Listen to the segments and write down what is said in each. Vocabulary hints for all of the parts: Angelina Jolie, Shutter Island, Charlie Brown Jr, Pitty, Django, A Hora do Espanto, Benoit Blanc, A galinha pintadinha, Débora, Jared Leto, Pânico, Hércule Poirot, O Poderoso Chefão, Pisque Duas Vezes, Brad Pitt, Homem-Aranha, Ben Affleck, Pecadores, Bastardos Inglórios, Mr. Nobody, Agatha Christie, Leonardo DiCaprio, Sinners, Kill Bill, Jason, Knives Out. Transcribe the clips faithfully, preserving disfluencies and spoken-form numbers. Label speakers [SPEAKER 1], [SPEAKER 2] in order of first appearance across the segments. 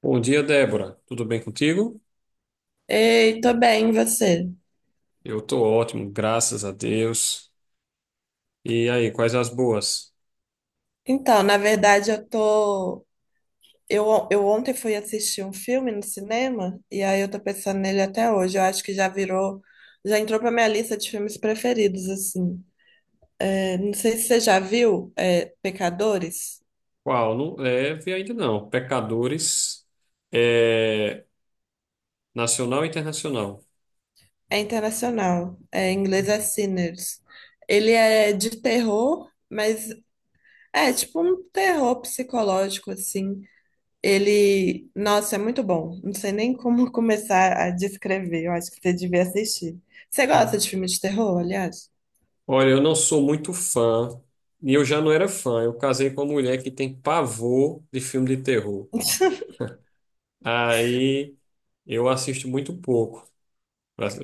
[SPEAKER 1] Bom dia, Débora. Tudo bem contigo?
[SPEAKER 2] Ei, tô bem, e você?
[SPEAKER 1] Eu tô ótimo, graças a Deus. E aí, quais as boas?
[SPEAKER 2] Então, na verdade, eu tô. Eu, on- eu ontem fui assistir um filme no cinema e aí eu tô pensando nele até hoje. Eu acho que já virou, já entrou pra minha lista de filmes preferidos, assim. É, não sei se você já viu, é, Pecadores.
[SPEAKER 1] Qual? Não leve ainda não. Pecadores, é, nacional e internacional.
[SPEAKER 2] É internacional. É, em inglês é Sinners. Ele é de terror, mas é tipo um terror psicológico, assim. Ele, nossa, é muito bom. Não sei nem como começar a descrever. Eu acho que você devia assistir. Você gosta
[SPEAKER 1] Hum.
[SPEAKER 2] de filme de terror, aliás?
[SPEAKER 1] Olha, eu não sou muito fã, e eu já não era fã. Eu casei com uma mulher que tem pavor de filme de terror. Aí eu assisto muito pouco,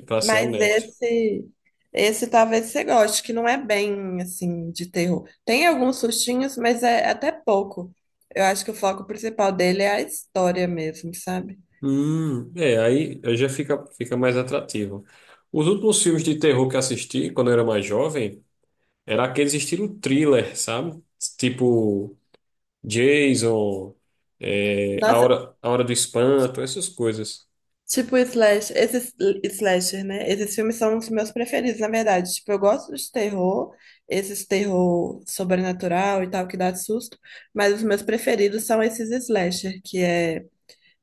[SPEAKER 1] para ser
[SPEAKER 2] Mas
[SPEAKER 1] honesto.
[SPEAKER 2] esse, esse talvez você goste, que não é bem assim de terror. Tem alguns sustinhos, mas é até pouco. Eu acho que o foco principal dele é a história mesmo, sabe?
[SPEAKER 1] Hum, é, aí aí já fica, fica mais atrativo. Os últimos filmes de terror que assisti quando eu era mais jovem era aqueles estilo thriller, sabe? Tipo Jason, é, A
[SPEAKER 2] Nossa,
[SPEAKER 1] Hora, A Hora do Espanto, essas coisas.
[SPEAKER 2] tipo, slash, esses slasher, né? Esses filmes são os meus preferidos, na verdade. Tipo, eu gosto de terror, esses terror sobrenatural e tal, que dá susto, mas os meus preferidos são esses slasher, que é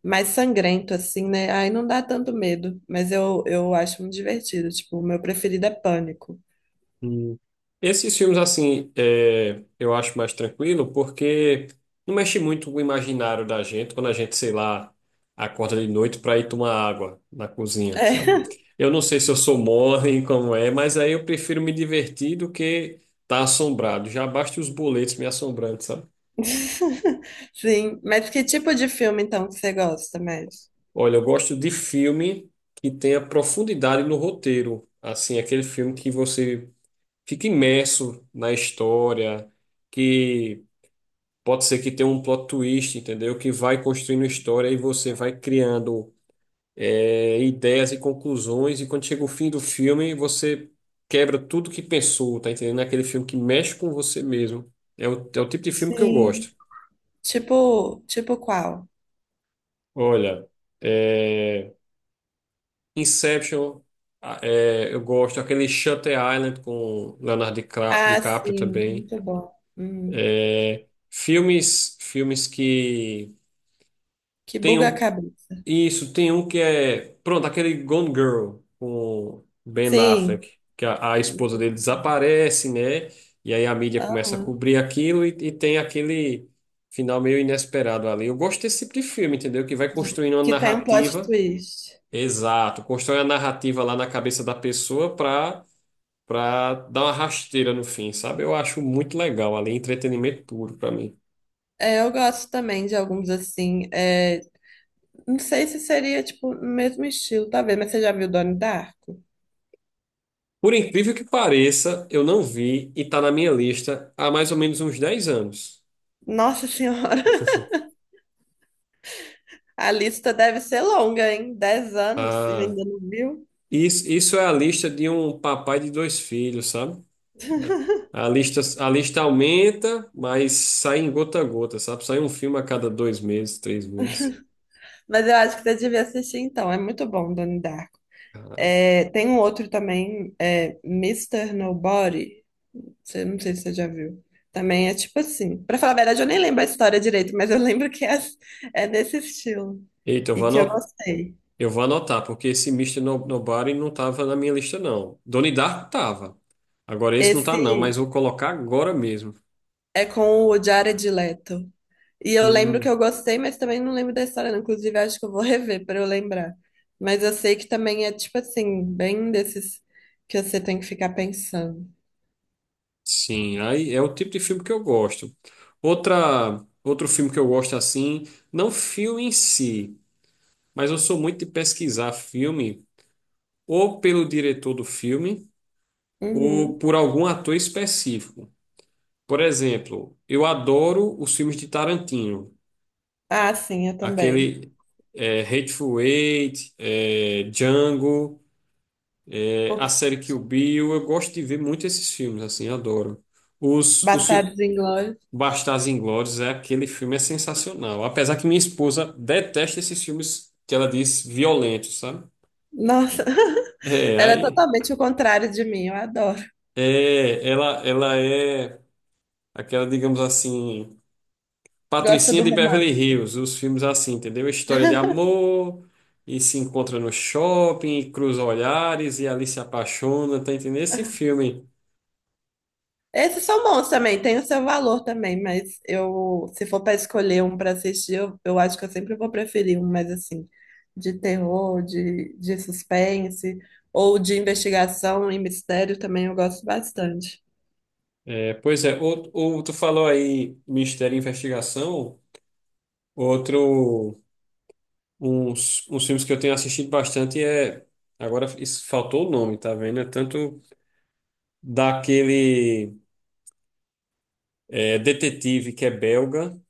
[SPEAKER 2] mais sangrento, assim, né? Aí não dá tanto medo, mas eu, eu acho muito divertido. Tipo, o meu preferido é Pânico.
[SPEAKER 1] Hum. Esses filmes, assim, é, eu acho mais tranquilo porque não mexe muito com o imaginário da gente quando a gente, sei lá, acorda de noite para ir tomar água na cozinha, sabe?
[SPEAKER 2] É.
[SPEAKER 1] Eu não sei se eu sou mole, como é, mas aí eu prefiro me divertir do que estar tá assombrado. Já basta os boletos me assombrando, sabe?
[SPEAKER 2] Sim, mas que tipo de filme, então, que você gosta mais?
[SPEAKER 1] Olha, eu gosto de filme que tenha profundidade no roteiro. Assim, aquele filme que você fica imerso na história, que pode ser que tenha um plot twist, entendeu? Que vai construindo história e você vai criando é, ideias e conclusões, e quando chega o fim do filme, você quebra tudo que pensou, tá entendendo? É aquele filme que mexe com você mesmo. É o, é o tipo de filme que eu
[SPEAKER 2] Sim.
[SPEAKER 1] gosto.
[SPEAKER 2] Tipo, tipo qual?
[SPEAKER 1] Olha, é, Inception, a- é, eu gosto. Aquele Shutter Island com Leonardo Dicra-
[SPEAKER 2] Ah,
[SPEAKER 1] DiCaprio
[SPEAKER 2] sim,
[SPEAKER 1] também.
[SPEAKER 2] muito bom. Uhum.
[SPEAKER 1] É, filmes, filmes que
[SPEAKER 2] Que buga a
[SPEAKER 1] tenham.
[SPEAKER 2] cabeça.
[SPEAKER 1] Isso, tem um que é. Pronto, aquele Gone Girl com Ben
[SPEAKER 2] Sim,
[SPEAKER 1] Affleck, que a, a esposa dele desaparece, né? E aí a mídia começa a
[SPEAKER 2] aham.
[SPEAKER 1] cobrir aquilo e, e tem aquele final meio inesperado ali. Eu gosto desse tipo de filme, entendeu? Que vai
[SPEAKER 2] De-
[SPEAKER 1] construindo uma
[SPEAKER 2] Que tem um plot
[SPEAKER 1] narrativa.
[SPEAKER 2] twist.
[SPEAKER 1] Exato, constrói a narrativa lá na cabeça da pessoa pra, pra dar uma rasteira no fim, sabe? Eu acho muito legal ali, entretenimento puro pra mim.
[SPEAKER 2] É, eu gosto também de alguns assim, é, não sei se seria tipo no mesmo estilo, talvez, mas você já viu Donnie Darko?
[SPEAKER 1] Por incrível que pareça, eu não vi e tá na minha lista há mais ou menos uns dez anos.
[SPEAKER 2] Nossa Senhora, a lista deve ser longa, hein? Dez anos, você
[SPEAKER 1] Ah,
[SPEAKER 2] ainda não viu?
[SPEAKER 1] isso, isso é a lista de um papai de dois filhos, sabe? A lista, a lista aumenta, mas sai em gota a gota, sabe? Sai um filme a cada dois meses, três meses.
[SPEAKER 2] Mas eu acho que você devia assistir então. É muito bom, Donnie Darko. É, tem um outro também, é, mister Nobody. Você, não sei se você já viu. Também é tipo assim. Pra falar a verdade, eu nem lembro a história direito, mas eu lembro que é, é nesse estilo.
[SPEAKER 1] Eita, eu
[SPEAKER 2] E
[SPEAKER 1] vou
[SPEAKER 2] que eu
[SPEAKER 1] anotar,
[SPEAKER 2] gostei.
[SPEAKER 1] eu vou anotar, porque esse mister No- Nobody não tava na minha lista, não. Donnie Darko tava. Agora esse não tá, não,
[SPEAKER 2] Esse
[SPEAKER 1] mas vou colocar agora mesmo.
[SPEAKER 2] é com o Jared Leto. E eu lembro que
[SPEAKER 1] Hum.
[SPEAKER 2] eu gostei, mas também não lembro da história, não. Inclusive, acho que eu vou rever pra eu lembrar. Mas eu sei que também é tipo assim, bem desses que você tem que ficar pensando.
[SPEAKER 1] Sim, aí é o tipo de filme que eu gosto. Outra, outro filme que eu gosto assim, não filme em si, mas eu sou muito de pesquisar filme ou pelo diretor do filme ou
[SPEAKER 2] Uhum.
[SPEAKER 1] por algum ator específico. Por exemplo, eu adoro os filmes de Tarantino,
[SPEAKER 2] Ah, sim, eu também.
[SPEAKER 1] aquele é, Hateful Eight, é, Django, é, a
[SPEAKER 2] Ups.
[SPEAKER 1] série Kill Bill. Eu gosto de ver muito esses filmes, assim, adoro. Os, os, fi-
[SPEAKER 2] Bastardos Inglórios.
[SPEAKER 1] Bastardos Inglórios é aquele filme é sensacional. Apesar que minha esposa detesta esses filmes que ela diz violentos, sabe?
[SPEAKER 2] Nossa,
[SPEAKER 1] É,
[SPEAKER 2] ela é
[SPEAKER 1] aí
[SPEAKER 2] totalmente o contrário de mim, eu adoro.
[SPEAKER 1] é, ela ela é aquela, digamos assim,
[SPEAKER 2] Gosta
[SPEAKER 1] Patricinha
[SPEAKER 2] do
[SPEAKER 1] de Beverly
[SPEAKER 2] romance.
[SPEAKER 1] Hills, os filmes assim, entendeu? História de amor e se encontra no shopping, e cruza olhares e ali se apaixona, tá entendendo? Esse filme.
[SPEAKER 2] Esses são bons também, tem o seu valor também, mas eu, se for para escolher um para assistir, eu, eu acho que eu sempre vou preferir um mais assim, de terror, de, de suspense, ou de investigação e mistério também eu gosto bastante.
[SPEAKER 1] É, pois é, ou, ou tu falou aí Mistério e Investigação, outro Uns, uns filmes que eu tenho assistido bastante é. Agora isso, faltou o nome, tá vendo? É tanto daquele é, detetive que é belga,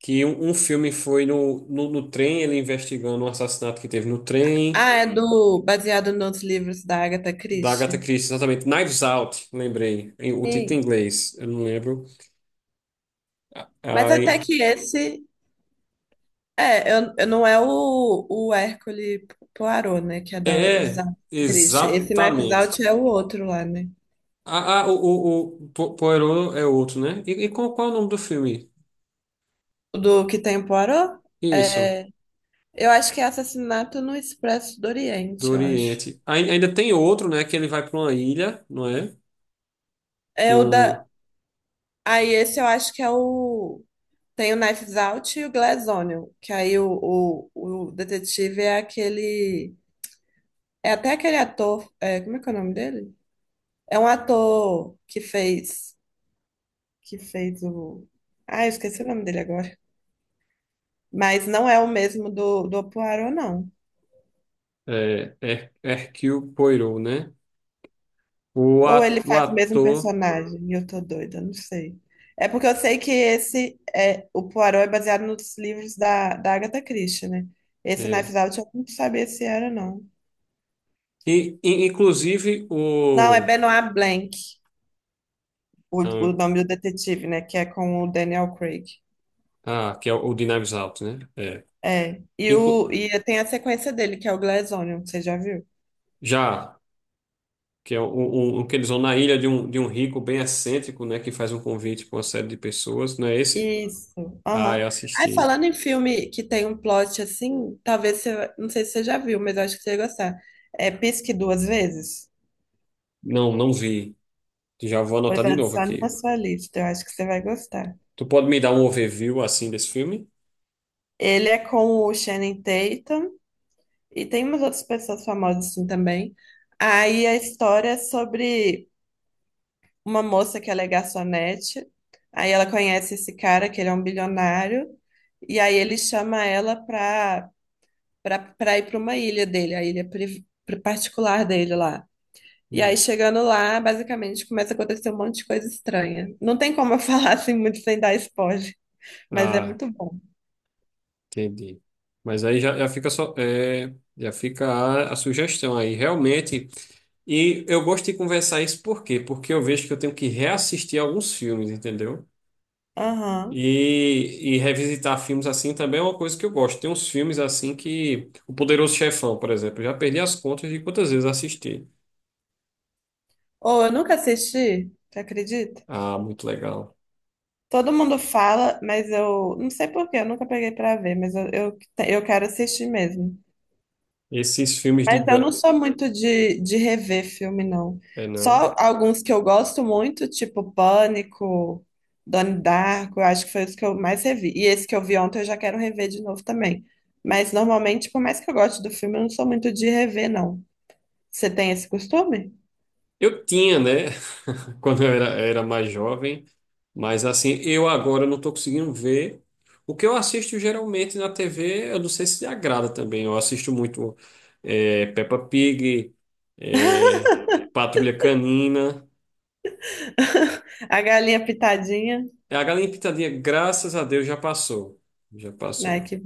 [SPEAKER 1] que um, um filme foi no, no, no trem, ele investigando um assassinato que teve no trem,
[SPEAKER 2] Ah, é, uhum, do, baseado nos livros da Agatha
[SPEAKER 1] da Agatha
[SPEAKER 2] Christie.
[SPEAKER 1] Christie, exatamente. Knives Out, lembrei. Em- O título em
[SPEAKER 2] Sim.
[SPEAKER 1] inglês, eu não lembro.
[SPEAKER 2] Mas até
[SPEAKER 1] Aí,
[SPEAKER 2] que esse, é, eu, eu não é o, o Hércule Poirot, né, que é da, os
[SPEAKER 1] é,
[SPEAKER 2] Agatha Christie. Esse Knives
[SPEAKER 1] exatamente.
[SPEAKER 2] Out é o outro lá, né?
[SPEAKER 1] Ah, ah, o, o, o Po- Poirot é outro, né? E, e qual, qual é o nome do filme?
[SPEAKER 2] Do que tem em Poirot?
[SPEAKER 1] Isso.
[SPEAKER 2] É, eu acho que é Assassinato no Expresso do
[SPEAKER 1] Do
[SPEAKER 2] Oriente, eu acho.
[SPEAKER 1] Oriente. Ai- Ainda tem outro, né? Que ele vai para uma ilha, não é?
[SPEAKER 2] É
[SPEAKER 1] Que
[SPEAKER 2] o
[SPEAKER 1] um
[SPEAKER 2] da. Aí esse eu acho que é o. Tem o Knives Out e o Glass Onion, que aí o, o, o detetive é aquele. É até aquele ator, é, como é que é o nome dele? É um ator que fez. Que fez o. Ah, eu esqueci o nome dele agora. Mas não é o mesmo do, do Poirot, não.
[SPEAKER 1] é, Her- Hercule Poirot, né? O,
[SPEAKER 2] Ou ele
[SPEAKER 1] a- o
[SPEAKER 2] faz o mesmo
[SPEAKER 1] ator.
[SPEAKER 2] personagem e eu tô doida, não sei. É porque eu sei que esse é o Poirot é baseado nos livros da, da Agatha Christie, né? Esse
[SPEAKER 1] É.
[SPEAKER 2] Knives Out eu não sabia se era, não.
[SPEAKER 1] E, e- inclusive
[SPEAKER 2] Não, é
[SPEAKER 1] o.
[SPEAKER 2] Benoit Blanc, o,
[SPEAKER 1] Ah,
[SPEAKER 2] o nome do detetive, né? Que é com o Daniel Craig.
[SPEAKER 1] ah, que é o de Knives Out, né? É.
[SPEAKER 2] É. E,
[SPEAKER 1] Inclu-
[SPEAKER 2] o, e tem a sequência dele, que é o Glass Onion, você já viu?
[SPEAKER 1] já, que é o, o, o que eles vão na ilha de um, de um rico bem excêntrico, né? Que faz um convite para uma série de pessoas, não é esse?
[SPEAKER 2] Isso.
[SPEAKER 1] Ah,
[SPEAKER 2] Aham.
[SPEAKER 1] eu
[SPEAKER 2] Aí,
[SPEAKER 1] assisti.
[SPEAKER 2] falando em filme que tem um plot assim, talvez você. Não sei se você já viu, mas eu acho que você ia gostar. É Pisque Duas Vezes.
[SPEAKER 1] Não, não vi. Já vou
[SPEAKER 2] Pois
[SPEAKER 1] anotar de novo
[SPEAKER 2] adicione na
[SPEAKER 1] aqui.
[SPEAKER 2] sua lista, eu acho que você vai gostar.
[SPEAKER 1] Tu pode me dar um overview assim desse filme?
[SPEAKER 2] Ele é com o Channing Tatum e tem umas outras pessoas famosas assim também. Aí a história é sobre uma moça que ela é garçonete, aí ela conhece esse cara que ele é um bilionário e aí ele chama ela pra, pra, pra ir pra uma ilha dele, a ilha pri- pri- particular dele lá. E aí
[SPEAKER 1] Hum.
[SPEAKER 2] chegando lá, basicamente começa a acontecer um monte de coisa estranha. Não tem como eu falar assim muito sem dar spoiler, mas é
[SPEAKER 1] Ah,
[SPEAKER 2] muito bom.
[SPEAKER 1] entendi. Mas aí já, já fica só, é, já fica a, a sugestão aí, realmente. E eu gosto de conversar isso por quê? Porque eu vejo que eu tenho que reassistir alguns filmes, entendeu?
[SPEAKER 2] Aham.
[SPEAKER 1] E, e revisitar filmes assim também é uma coisa que eu gosto. Tem uns filmes assim que. O Poderoso Chefão, por exemplo. Eu já perdi as contas de quantas vezes eu assisti.
[SPEAKER 2] Ou eu nunca assisti, você acredita?
[SPEAKER 1] Ah, muito legal.
[SPEAKER 2] Todo mundo fala, mas eu não sei por quê, eu nunca peguei pra ver, mas eu, eu, eu quero assistir mesmo.
[SPEAKER 1] Esses filmes de.
[SPEAKER 2] Mas eu não
[SPEAKER 1] gan-
[SPEAKER 2] sou muito de, de rever filme, não.
[SPEAKER 1] É, não.
[SPEAKER 2] Só alguns que eu gosto muito, tipo Pânico, Donnie Darko, eu acho que foi os que eu mais revi. E esse que eu vi ontem eu já quero rever de novo também. Mas normalmente, por mais que eu goste do filme, eu não sou muito de rever, não. Você tem esse costume?
[SPEAKER 1] Eu tinha, né? Quando eu era, era mais jovem. Mas assim, eu agora não estou conseguindo ver. O que eu assisto geralmente na tê vê, eu não sei se agrada também. Eu assisto muito eh, Peppa Pig, eh, Patrulha Canina.
[SPEAKER 2] A galinha pitadinha.
[SPEAKER 1] É, a galinha pintadinha, graças a Deus, já passou. Já
[SPEAKER 2] Ai,
[SPEAKER 1] passou.
[SPEAKER 2] que...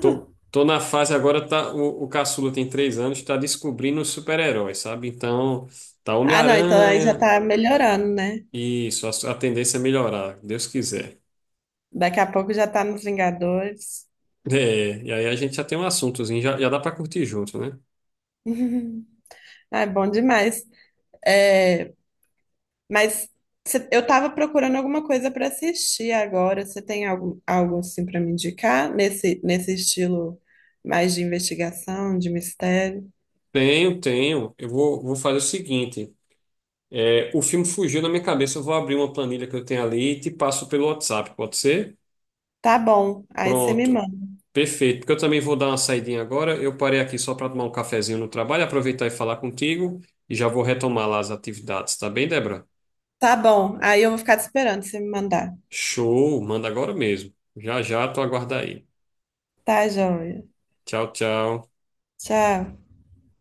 [SPEAKER 1] Tô, tô na fase agora, tá, o, o caçula tem três anos, tá descobrindo os super-heróis, sabe? Então, tá
[SPEAKER 2] Ah, não, então aí já
[SPEAKER 1] Homem-Aranha,
[SPEAKER 2] tá melhorando, né?
[SPEAKER 1] isso, a, a tendência é melhorar, Deus quiser.
[SPEAKER 2] Daqui a pouco já tá nos Vingadores.
[SPEAKER 1] É, e aí a gente já tem um assuntozinho, já, já dá pra curtir junto, né?
[SPEAKER 2] Ah, é bom demais. É, mas cê- eu tava procurando alguma coisa para assistir agora. Você tem algo, algo assim para me indicar nesse, nesse estilo mais de investigação, de mistério?
[SPEAKER 1] Tenho, tenho. Eu vou, vou fazer o seguinte. é, o filme fugiu da minha cabeça, eu vou abrir uma planilha que eu tenho ali e te passo pelo WhatsApp, pode ser?
[SPEAKER 2] Tá bom, aí você me
[SPEAKER 1] Pronto.
[SPEAKER 2] manda.
[SPEAKER 1] Perfeito. Porque eu também vou dar uma saidinha agora. Eu parei aqui só para tomar um cafezinho no trabalho, aproveitar e falar contigo e já vou retomar lá as atividades, tá bem, Débora?
[SPEAKER 2] Tá bom, aí eu vou ficar te esperando você me mandar.
[SPEAKER 1] Show, manda agora mesmo. Já já, tu aguarda aí.
[SPEAKER 2] Tá, joia.
[SPEAKER 1] Tchau, tchau.
[SPEAKER 2] Tchau.